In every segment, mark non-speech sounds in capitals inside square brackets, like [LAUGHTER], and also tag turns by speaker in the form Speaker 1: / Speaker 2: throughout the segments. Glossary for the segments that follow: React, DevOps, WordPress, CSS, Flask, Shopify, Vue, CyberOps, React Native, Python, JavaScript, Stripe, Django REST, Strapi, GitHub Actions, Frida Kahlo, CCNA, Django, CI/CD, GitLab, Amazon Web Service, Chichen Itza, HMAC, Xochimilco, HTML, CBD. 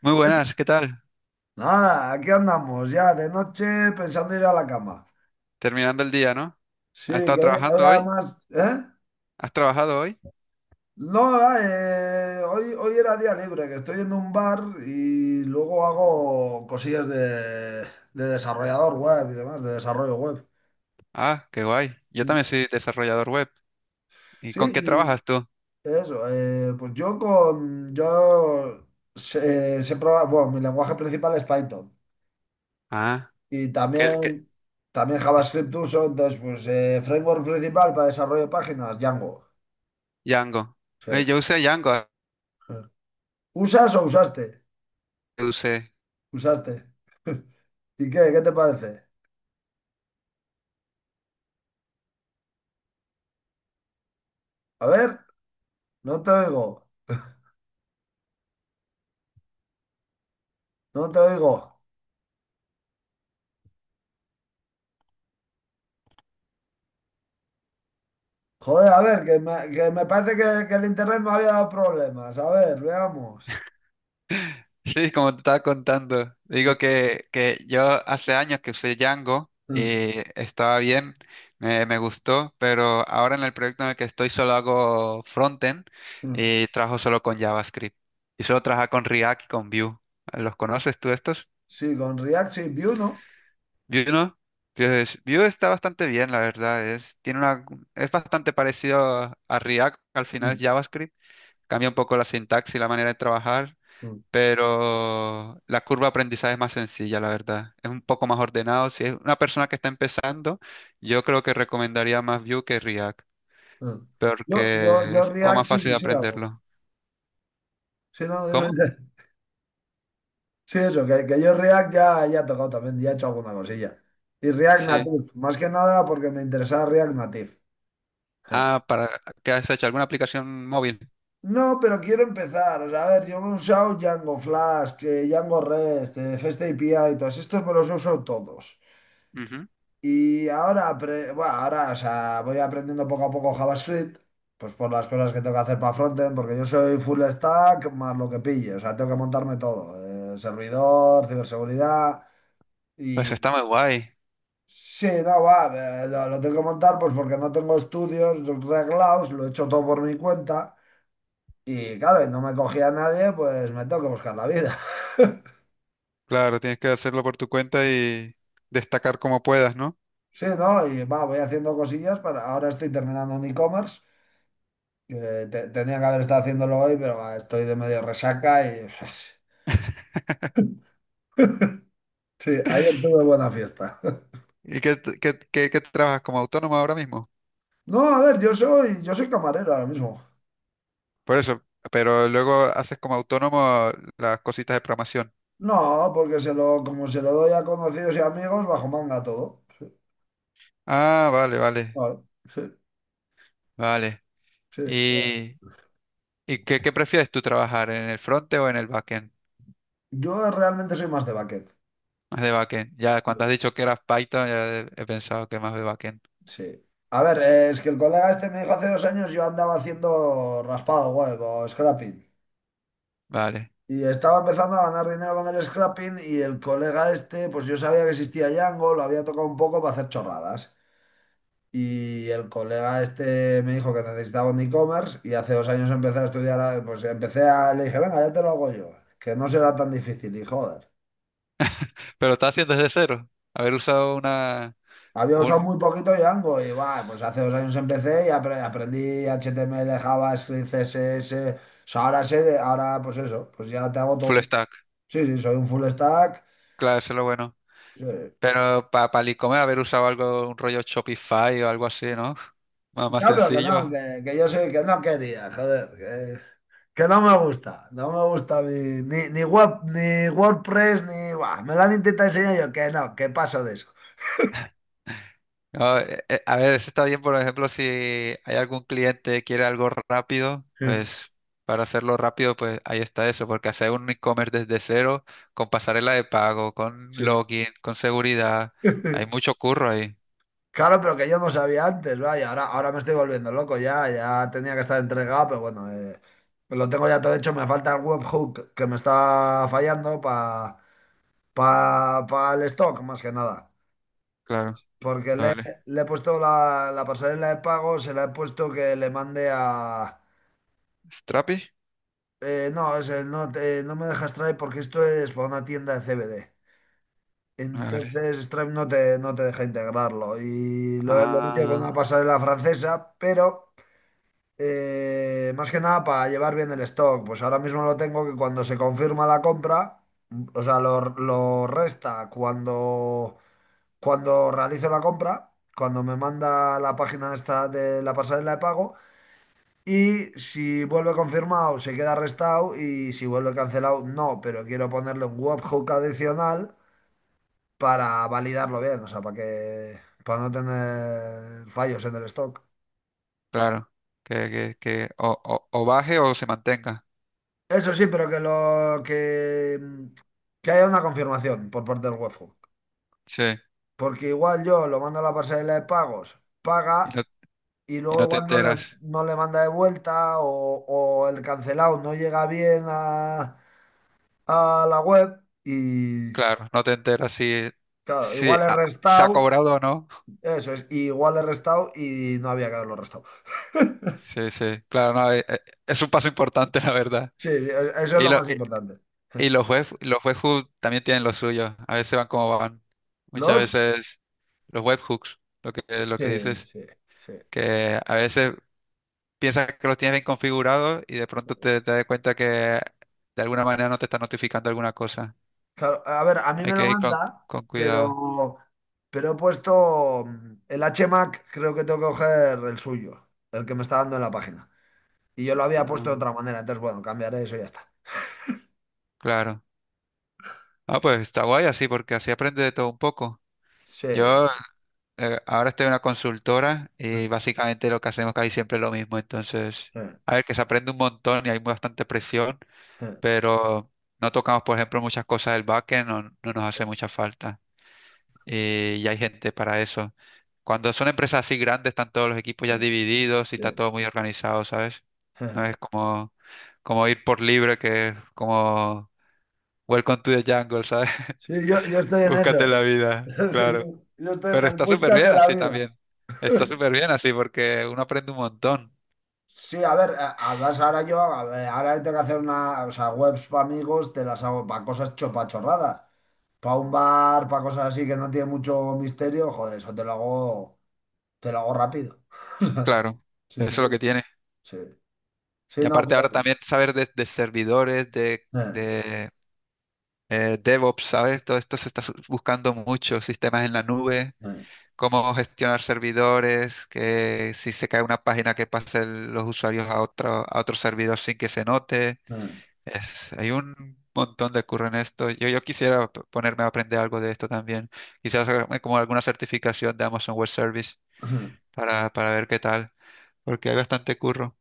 Speaker 1: Muy buenas, ¿qué tal?
Speaker 2: Nada, aquí andamos ya de noche pensando ir a la cama.
Speaker 1: Terminando el día, ¿no?
Speaker 2: Sí,
Speaker 1: ¿Has estado
Speaker 2: que hoy
Speaker 1: trabajando hoy?
Speaker 2: además, ¿eh?
Speaker 1: ¿Has trabajado hoy?
Speaker 2: No, hoy era día libre, que estoy en un bar y luego hago cosillas de desarrollador web y demás, de desarrollo web.
Speaker 1: Ah, qué guay. Yo también soy desarrollador web. ¿Y
Speaker 2: Sí,
Speaker 1: con qué
Speaker 2: y
Speaker 1: trabajas tú?
Speaker 2: eso, pues yo con, yo sé, sé probar- bueno, mi lenguaje principal es Python
Speaker 1: Ah,
Speaker 2: y
Speaker 1: ¿qué?
Speaker 2: también JavaScript uso, entonces pues framework principal para desarrollo de páginas, Django.
Speaker 1: Django.
Speaker 2: Sí.
Speaker 1: Yo usé Django, ah,
Speaker 2: ¿Usas o usaste?
Speaker 1: yo usé. [LAUGHS]
Speaker 2: Usaste. [LAUGHS] ¿Y qué? ¿Qué te parece? A ver, no te oigo, no te oigo. Joder, a ver, que me parece que el internet me había dado problemas. A ver, veamos.
Speaker 1: Sí, como te estaba contando.
Speaker 2: Sí,
Speaker 1: Digo que yo hace años que usé Django
Speaker 2: mm,
Speaker 1: y estaba bien, me gustó, pero ahora en el proyecto en el que estoy solo hago frontend
Speaker 2: mm.
Speaker 1: y trabajo solo con JavaScript. Y solo trabajo con React y con Vue. ¿Los conoces tú estos?
Speaker 2: Sí, con React sí, Vue, ¿no?
Speaker 1: Yu no. Entonces, Yu está bastante bien, la verdad. Es, tiene una, es bastante parecido a React, al final es
Speaker 2: Mm,
Speaker 1: JavaScript. Cambia un poco la sintaxis y la manera de trabajar,
Speaker 2: mm,
Speaker 1: pero la curva de aprendizaje es más sencilla, la verdad. Es un poco más ordenado. Si es una persona que está empezando, yo creo que recomendaría más Vue que React,
Speaker 2: mm.
Speaker 1: porque
Speaker 2: Yo
Speaker 1: es como
Speaker 2: React
Speaker 1: más fácil
Speaker 2: sí,
Speaker 1: de
Speaker 2: sí hago.
Speaker 1: aprenderlo.
Speaker 2: Sí, no, [LAUGHS] dime,
Speaker 1: ¿Cómo?
Speaker 2: dime. Sí, eso, que yo React ya, ya he tocado también, ya he hecho alguna cosilla. Y React
Speaker 1: Sí.
Speaker 2: Native, más que nada porque me interesaba React Native. Eh,
Speaker 1: Ah, para, ¿qué has hecho? ¿Alguna aplicación móvil?
Speaker 2: No, pero quiero empezar. O sea, a ver, yo me he usado Django Flask, Django REST, REST API, todos estos me los he usado todos.
Speaker 1: Ujú.
Speaker 2: Y ahora, o sea, voy aprendiendo poco a poco JavaScript, pues por las cosas que tengo que hacer para frontend, porque yo soy full stack más lo que pille. O sea, tengo que montarme todo, servidor, ciberseguridad
Speaker 1: Pues
Speaker 2: y...
Speaker 1: está muy guay.
Speaker 2: Sí, no, va, lo tengo que montar pues porque no tengo estudios reglados, lo he hecho todo por mi cuenta. Y claro, no me cogía a nadie, pues me tengo que buscar la vida. [LAUGHS]
Speaker 1: Claro, tienes que hacerlo por tu cuenta y destacar como puedas, ¿no?
Speaker 2: Sí, ¿no? Y va, voy haciendo cosillas para... Ahora estoy terminando un e-commerce, que tenía que haber estado haciéndolo hoy, pero va, estoy de medio resaca y... [LAUGHS] Sí, ayer tuve buena fiesta. [LAUGHS]
Speaker 1: ¿Y qué, qué- qué- qué trabajas como autónomo ahora mismo?
Speaker 2: No, a ver, yo soy camarero ahora mismo.
Speaker 1: Por eso, pero luego haces como autónomo las cositas de programación.
Speaker 2: No, porque como se lo doy a conocidos y amigos, bajo manga todo.
Speaker 1: Ah, vale, vale,
Speaker 2: Claro, sí,
Speaker 1: vale.
Speaker 2: sí.
Speaker 1: ¿Y, y qué, qué prefieres tú trabajar, en el frontend o en el backend?
Speaker 2: Yo realmente soy más de baquet.
Speaker 1: Más de backend. Ya cuando has dicho que eras Python, ya he pensado que más de backend.
Speaker 2: Sí. A ver, es que el colega este me dijo hace 2 años yo andaba haciendo raspado web o scrapping.
Speaker 1: Vale.
Speaker 2: Y estaba empezando a ganar dinero con el scrapping y el colega este, pues yo sabía que existía Django, lo había tocado un poco para hacer chorradas. Y el colega este me dijo que necesitaba un e-commerce y hace 2 años empecé a estudiar, pues le dije, venga, ya te lo hago yo, que no será tan difícil y joder.
Speaker 1: Pero estás haciendo desde cero. Haber usado una,
Speaker 2: Había usado
Speaker 1: un
Speaker 2: muy poquito Django y va, pues hace 2 años empecé y aprendí HTML, JavaScript, CSS. O sea, ahora sé de, ahora pues eso, pues ya te hago
Speaker 1: full
Speaker 2: todo.
Speaker 1: stack.
Speaker 2: Sí, sí, soy un full stack.
Speaker 1: Claro, eso es lo bueno.
Speaker 2: Sí.
Speaker 1: Pero para pa el e-commerce haber usado algo, un rollo Shopify o algo así, ¿no? Más, más
Speaker 2: Ya, pero que
Speaker 1: sencillo.
Speaker 2: no, que yo soy, que no quería, joder, que no me gusta, no me gusta ni web, ni WordPress, ni, buah, me lo han intentado enseñar y yo, que no, que paso de eso.
Speaker 1: No, a ver, eso está bien, por ejemplo, si hay algún cliente que quiere algo rápido, pues
Speaker 2: [LAUGHS]
Speaker 1: para hacerlo rápido, pues ahí está eso, porque hacer un e-commerce desde cero, con pasarela de pago, con
Speaker 2: Sí.
Speaker 1: login, con seguridad, hay
Speaker 2: [LAUGHS]
Speaker 1: mucho curro ahí.
Speaker 2: Claro, pero que yo no sabía antes, vaya, ahora me estoy volviendo loco ya, ya tenía que estar entregado, pero bueno, pues lo tengo ya todo hecho, me falta el webhook que me está fallando para pa, pa el stock, más que nada,
Speaker 1: Claro,
Speaker 2: porque
Speaker 1: vale.
Speaker 2: le he puesto la pasarela de pago, se la he puesto que le mande a...
Speaker 1: ¿Strapi?
Speaker 2: no, ese, no, no me dejas Stripe porque esto es para una tienda de CBD.
Speaker 1: Vale.
Speaker 2: Entonces Stripe no te deja integrarlo y lo he metido con una
Speaker 1: Ah,
Speaker 2: pasarela francesa, pero... Más que nada para llevar bien el stock. Pues ahora mismo lo tengo que cuando se confirma la compra, o sea, lo resta cuando, cuando realizo la compra, cuando me manda la página esta de la pasarela de pago. Y si vuelve confirmado, se queda restado. Y si vuelve cancelado, no. Pero quiero ponerle un webhook adicional para validarlo bien, o sea, para no tener fallos en el stock.
Speaker 1: claro. Que o baje o se mantenga.
Speaker 2: Eso sí, pero que que haya una confirmación por parte del webhook.
Speaker 1: Sí.
Speaker 2: Porque igual yo lo mando a la pasarela de pagos,
Speaker 1: Y
Speaker 2: paga
Speaker 1: no,
Speaker 2: y
Speaker 1: y
Speaker 2: luego
Speaker 1: no te
Speaker 2: igual
Speaker 1: enteras.
Speaker 2: no le manda de vuelta o el cancelado no llega bien a la web y
Speaker 1: Claro, no te enteras si,
Speaker 2: claro,
Speaker 1: si
Speaker 2: igual he
Speaker 1: ah, se ha
Speaker 2: restado,
Speaker 1: cobrado o no.
Speaker 2: eso es, y igual he restado y no había que haberlo restado. [LAUGHS]
Speaker 1: Sí, sí, claro, no, es un paso importante, [LAUGHS] la verdad.
Speaker 2: Sí, eso es
Speaker 1: Y,
Speaker 2: lo
Speaker 1: lo-
Speaker 2: más importante.
Speaker 1: y
Speaker 2: [LAUGHS]
Speaker 1: los los webhooks también tienen lo suyo. A veces van como van. Muchas
Speaker 2: Los,
Speaker 1: veces los webhooks, lo lo que
Speaker 2: sí,
Speaker 1: dices,
Speaker 2: sí, sí.
Speaker 1: que a veces piensas que los tienes bien configurados y de pronto te das cuenta que de alguna manera no te está notificando alguna cosa.
Speaker 2: Claro, a ver, a mí
Speaker 1: Hay
Speaker 2: me lo
Speaker 1: que ir
Speaker 2: manda,
Speaker 1: con cuidado.
Speaker 2: pero Pero he puesto el HMAC, creo que tengo que coger el suyo, el que me está dando en la página. Y yo lo había
Speaker 1: Ah,
Speaker 2: puesto de otra manera, entonces bueno, cambiaré eso y ya está.
Speaker 1: claro. Ah, pues está guay así, porque así aprende de todo un poco. Yo
Speaker 2: Sí.
Speaker 1: ahora estoy en una consultora y básicamente lo que hacemos casi siempre es lo mismo. Entonces,
Speaker 2: Sí,
Speaker 1: a ver, que se aprende un montón y hay bastante presión,
Speaker 2: sí, sí,
Speaker 1: pero no tocamos, por ejemplo, muchas cosas del backend, no nos hace mucha falta. Y hay gente para eso. Cuando son empresas así grandes, están todos los equipos ya
Speaker 2: sí,
Speaker 1: divididos y está
Speaker 2: sí,
Speaker 1: todo muy organizado, ¿sabes?
Speaker 2: sí.
Speaker 1: No es como, como ir por libre, que es como Welcome to the jungle, ¿sabes?
Speaker 2: Sí, yo
Speaker 1: [LAUGHS]
Speaker 2: estoy en
Speaker 1: Búscate
Speaker 2: eso.
Speaker 1: la vida,
Speaker 2: [LAUGHS] Sí, sí.
Speaker 1: claro.
Speaker 2: Yo estoy en
Speaker 1: Pero
Speaker 2: el
Speaker 1: está súper bien
Speaker 2: búscate la
Speaker 1: así
Speaker 2: vida.
Speaker 1: también. Está súper bien así porque uno aprende un montón.
Speaker 2: Sí, a ver, además a ver, ahora tengo que hacer una, o sea, webs para amigos, te las hago para cosas chopachorradas, para un bar, para cosas así que no tiene mucho misterio, joder, eso te lo hago rápido. [LAUGHS]
Speaker 1: Claro,
Speaker 2: Sí,
Speaker 1: eso
Speaker 2: sí,
Speaker 1: es lo que tiene.
Speaker 2: sí. Sí,
Speaker 1: Y
Speaker 2: no,
Speaker 1: aparte ahora
Speaker 2: pero...
Speaker 1: también saber de servidores,
Speaker 2: eh,
Speaker 1: de DevOps, ¿sabes? Todo esto se está buscando mucho, sistemas en la nube,
Speaker 2: eh,
Speaker 1: cómo gestionar servidores, que si se cae una página que pase los usuarios a otro servidor sin que se note.
Speaker 2: eh.
Speaker 1: Es, hay un montón de curro en esto. Yo quisiera ponerme a aprender algo de esto también. Quizás hacerme como alguna certificación de Amazon Web Service
Speaker 2: [CLEARS THROAT]
Speaker 1: para ver qué tal, porque hay bastante curro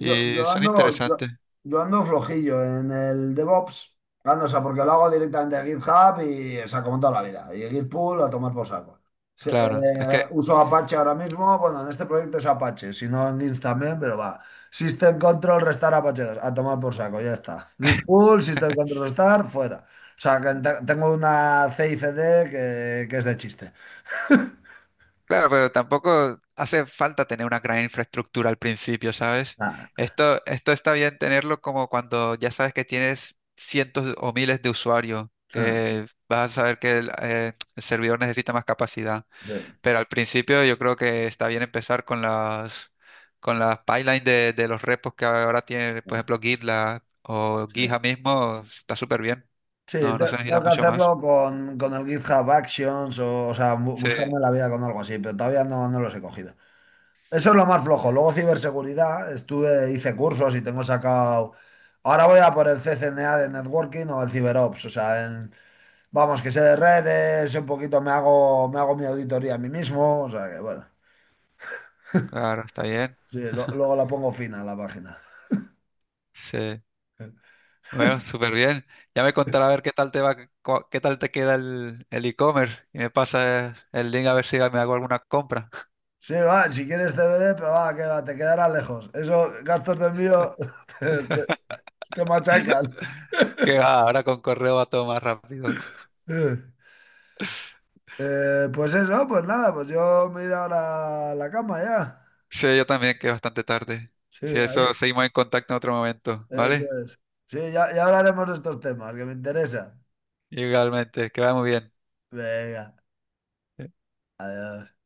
Speaker 2: Yo, yo
Speaker 1: son
Speaker 2: ando,
Speaker 1: interesantes.
Speaker 2: yo, yo ando flojillo en el DevOps. Ah, no, o sea, porque lo hago directamente a GitHub y, o sea, como toda la vida. Y Git pull a tomar por saco. Sí,
Speaker 1: Claro, es que,
Speaker 2: uso Apache ahora mismo. Bueno, en este proyecto es Apache, si no en Git también, pero va. System Control Restart Apache 2 a tomar por saco, ya está. Git
Speaker 1: [LAUGHS]
Speaker 2: pull, System Control Restart, fuera. O sea, que tengo una CICD que es de chiste.
Speaker 1: claro, pero tampoco hace falta tener una gran infraestructura al principio, ¿sabes?
Speaker 2: [LAUGHS]
Speaker 1: Esto está bien tenerlo como cuando ya sabes que tienes cientos o miles de usuarios,
Speaker 2: Ah.
Speaker 1: que vas a saber que el servidor necesita más capacidad.
Speaker 2: Sí,
Speaker 1: Pero al principio yo creo que está bien empezar con las pipelines de los repos que ahora tiene,
Speaker 2: sí,
Speaker 1: por ejemplo, GitLab o Gija
Speaker 2: sí.
Speaker 1: mismo, está súper bien.
Speaker 2: Sí,
Speaker 1: No, no se necesita
Speaker 2: tengo que
Speaker 1: mucho más.
Speaker 2: hacerlo con el GitHub Actions o sea,
Speaker 1: Sí,
Speaker 2: buscarme la vida con algo así, pero todavía no, no los he cogido. Eso es lo más flojo.
Speaker 1: ya,
Speaker 2: Luego ciberseguridad, estuve, hice cursos y tengo sacado... Ahora voy a por el CCNA de Networking o el CyberOps, o sea, vamos, que sé de redes, sé un poquito me hago mi auditoría a mí mismo, o sea que bueno,
Speaker 1: claro, está bien.
Speaker 2: sí, luego la pongo fina a la página.
Speaker 1: Sí. Bueno, súper bien. Ya me contará a ver qué tal te va, qué tal te queda el e-commerce. Y me pasa el link a ver si me hago alguna compra. [LAUGHS]
Speaker 2: Sí, va, si quieres CBD, pero va, que va, te quedará lejos. Eso, gastos de envío, [LAUGHS] Te machacan.
Speaker 1: Que va, ahora con correo va todo más rápido.
Speaker 2: Pues eso, pues nada, pues yo me iré ahora a la cama ya.
Speaker 1: Sí, yo también, que es bastante tarde.
Speaker 2: Sí,
Speaker 1: Si eso, seguimos en contacto en otro momento,
Speaker 2: eso
Speaker 1: ¿vale?
Speaker 2: es. Sí, ya, ya hablaremos de estos temas que me interesan.
Speaker 1: Igualmente, que va muy bien.
Speaker 2: Venga, adiós.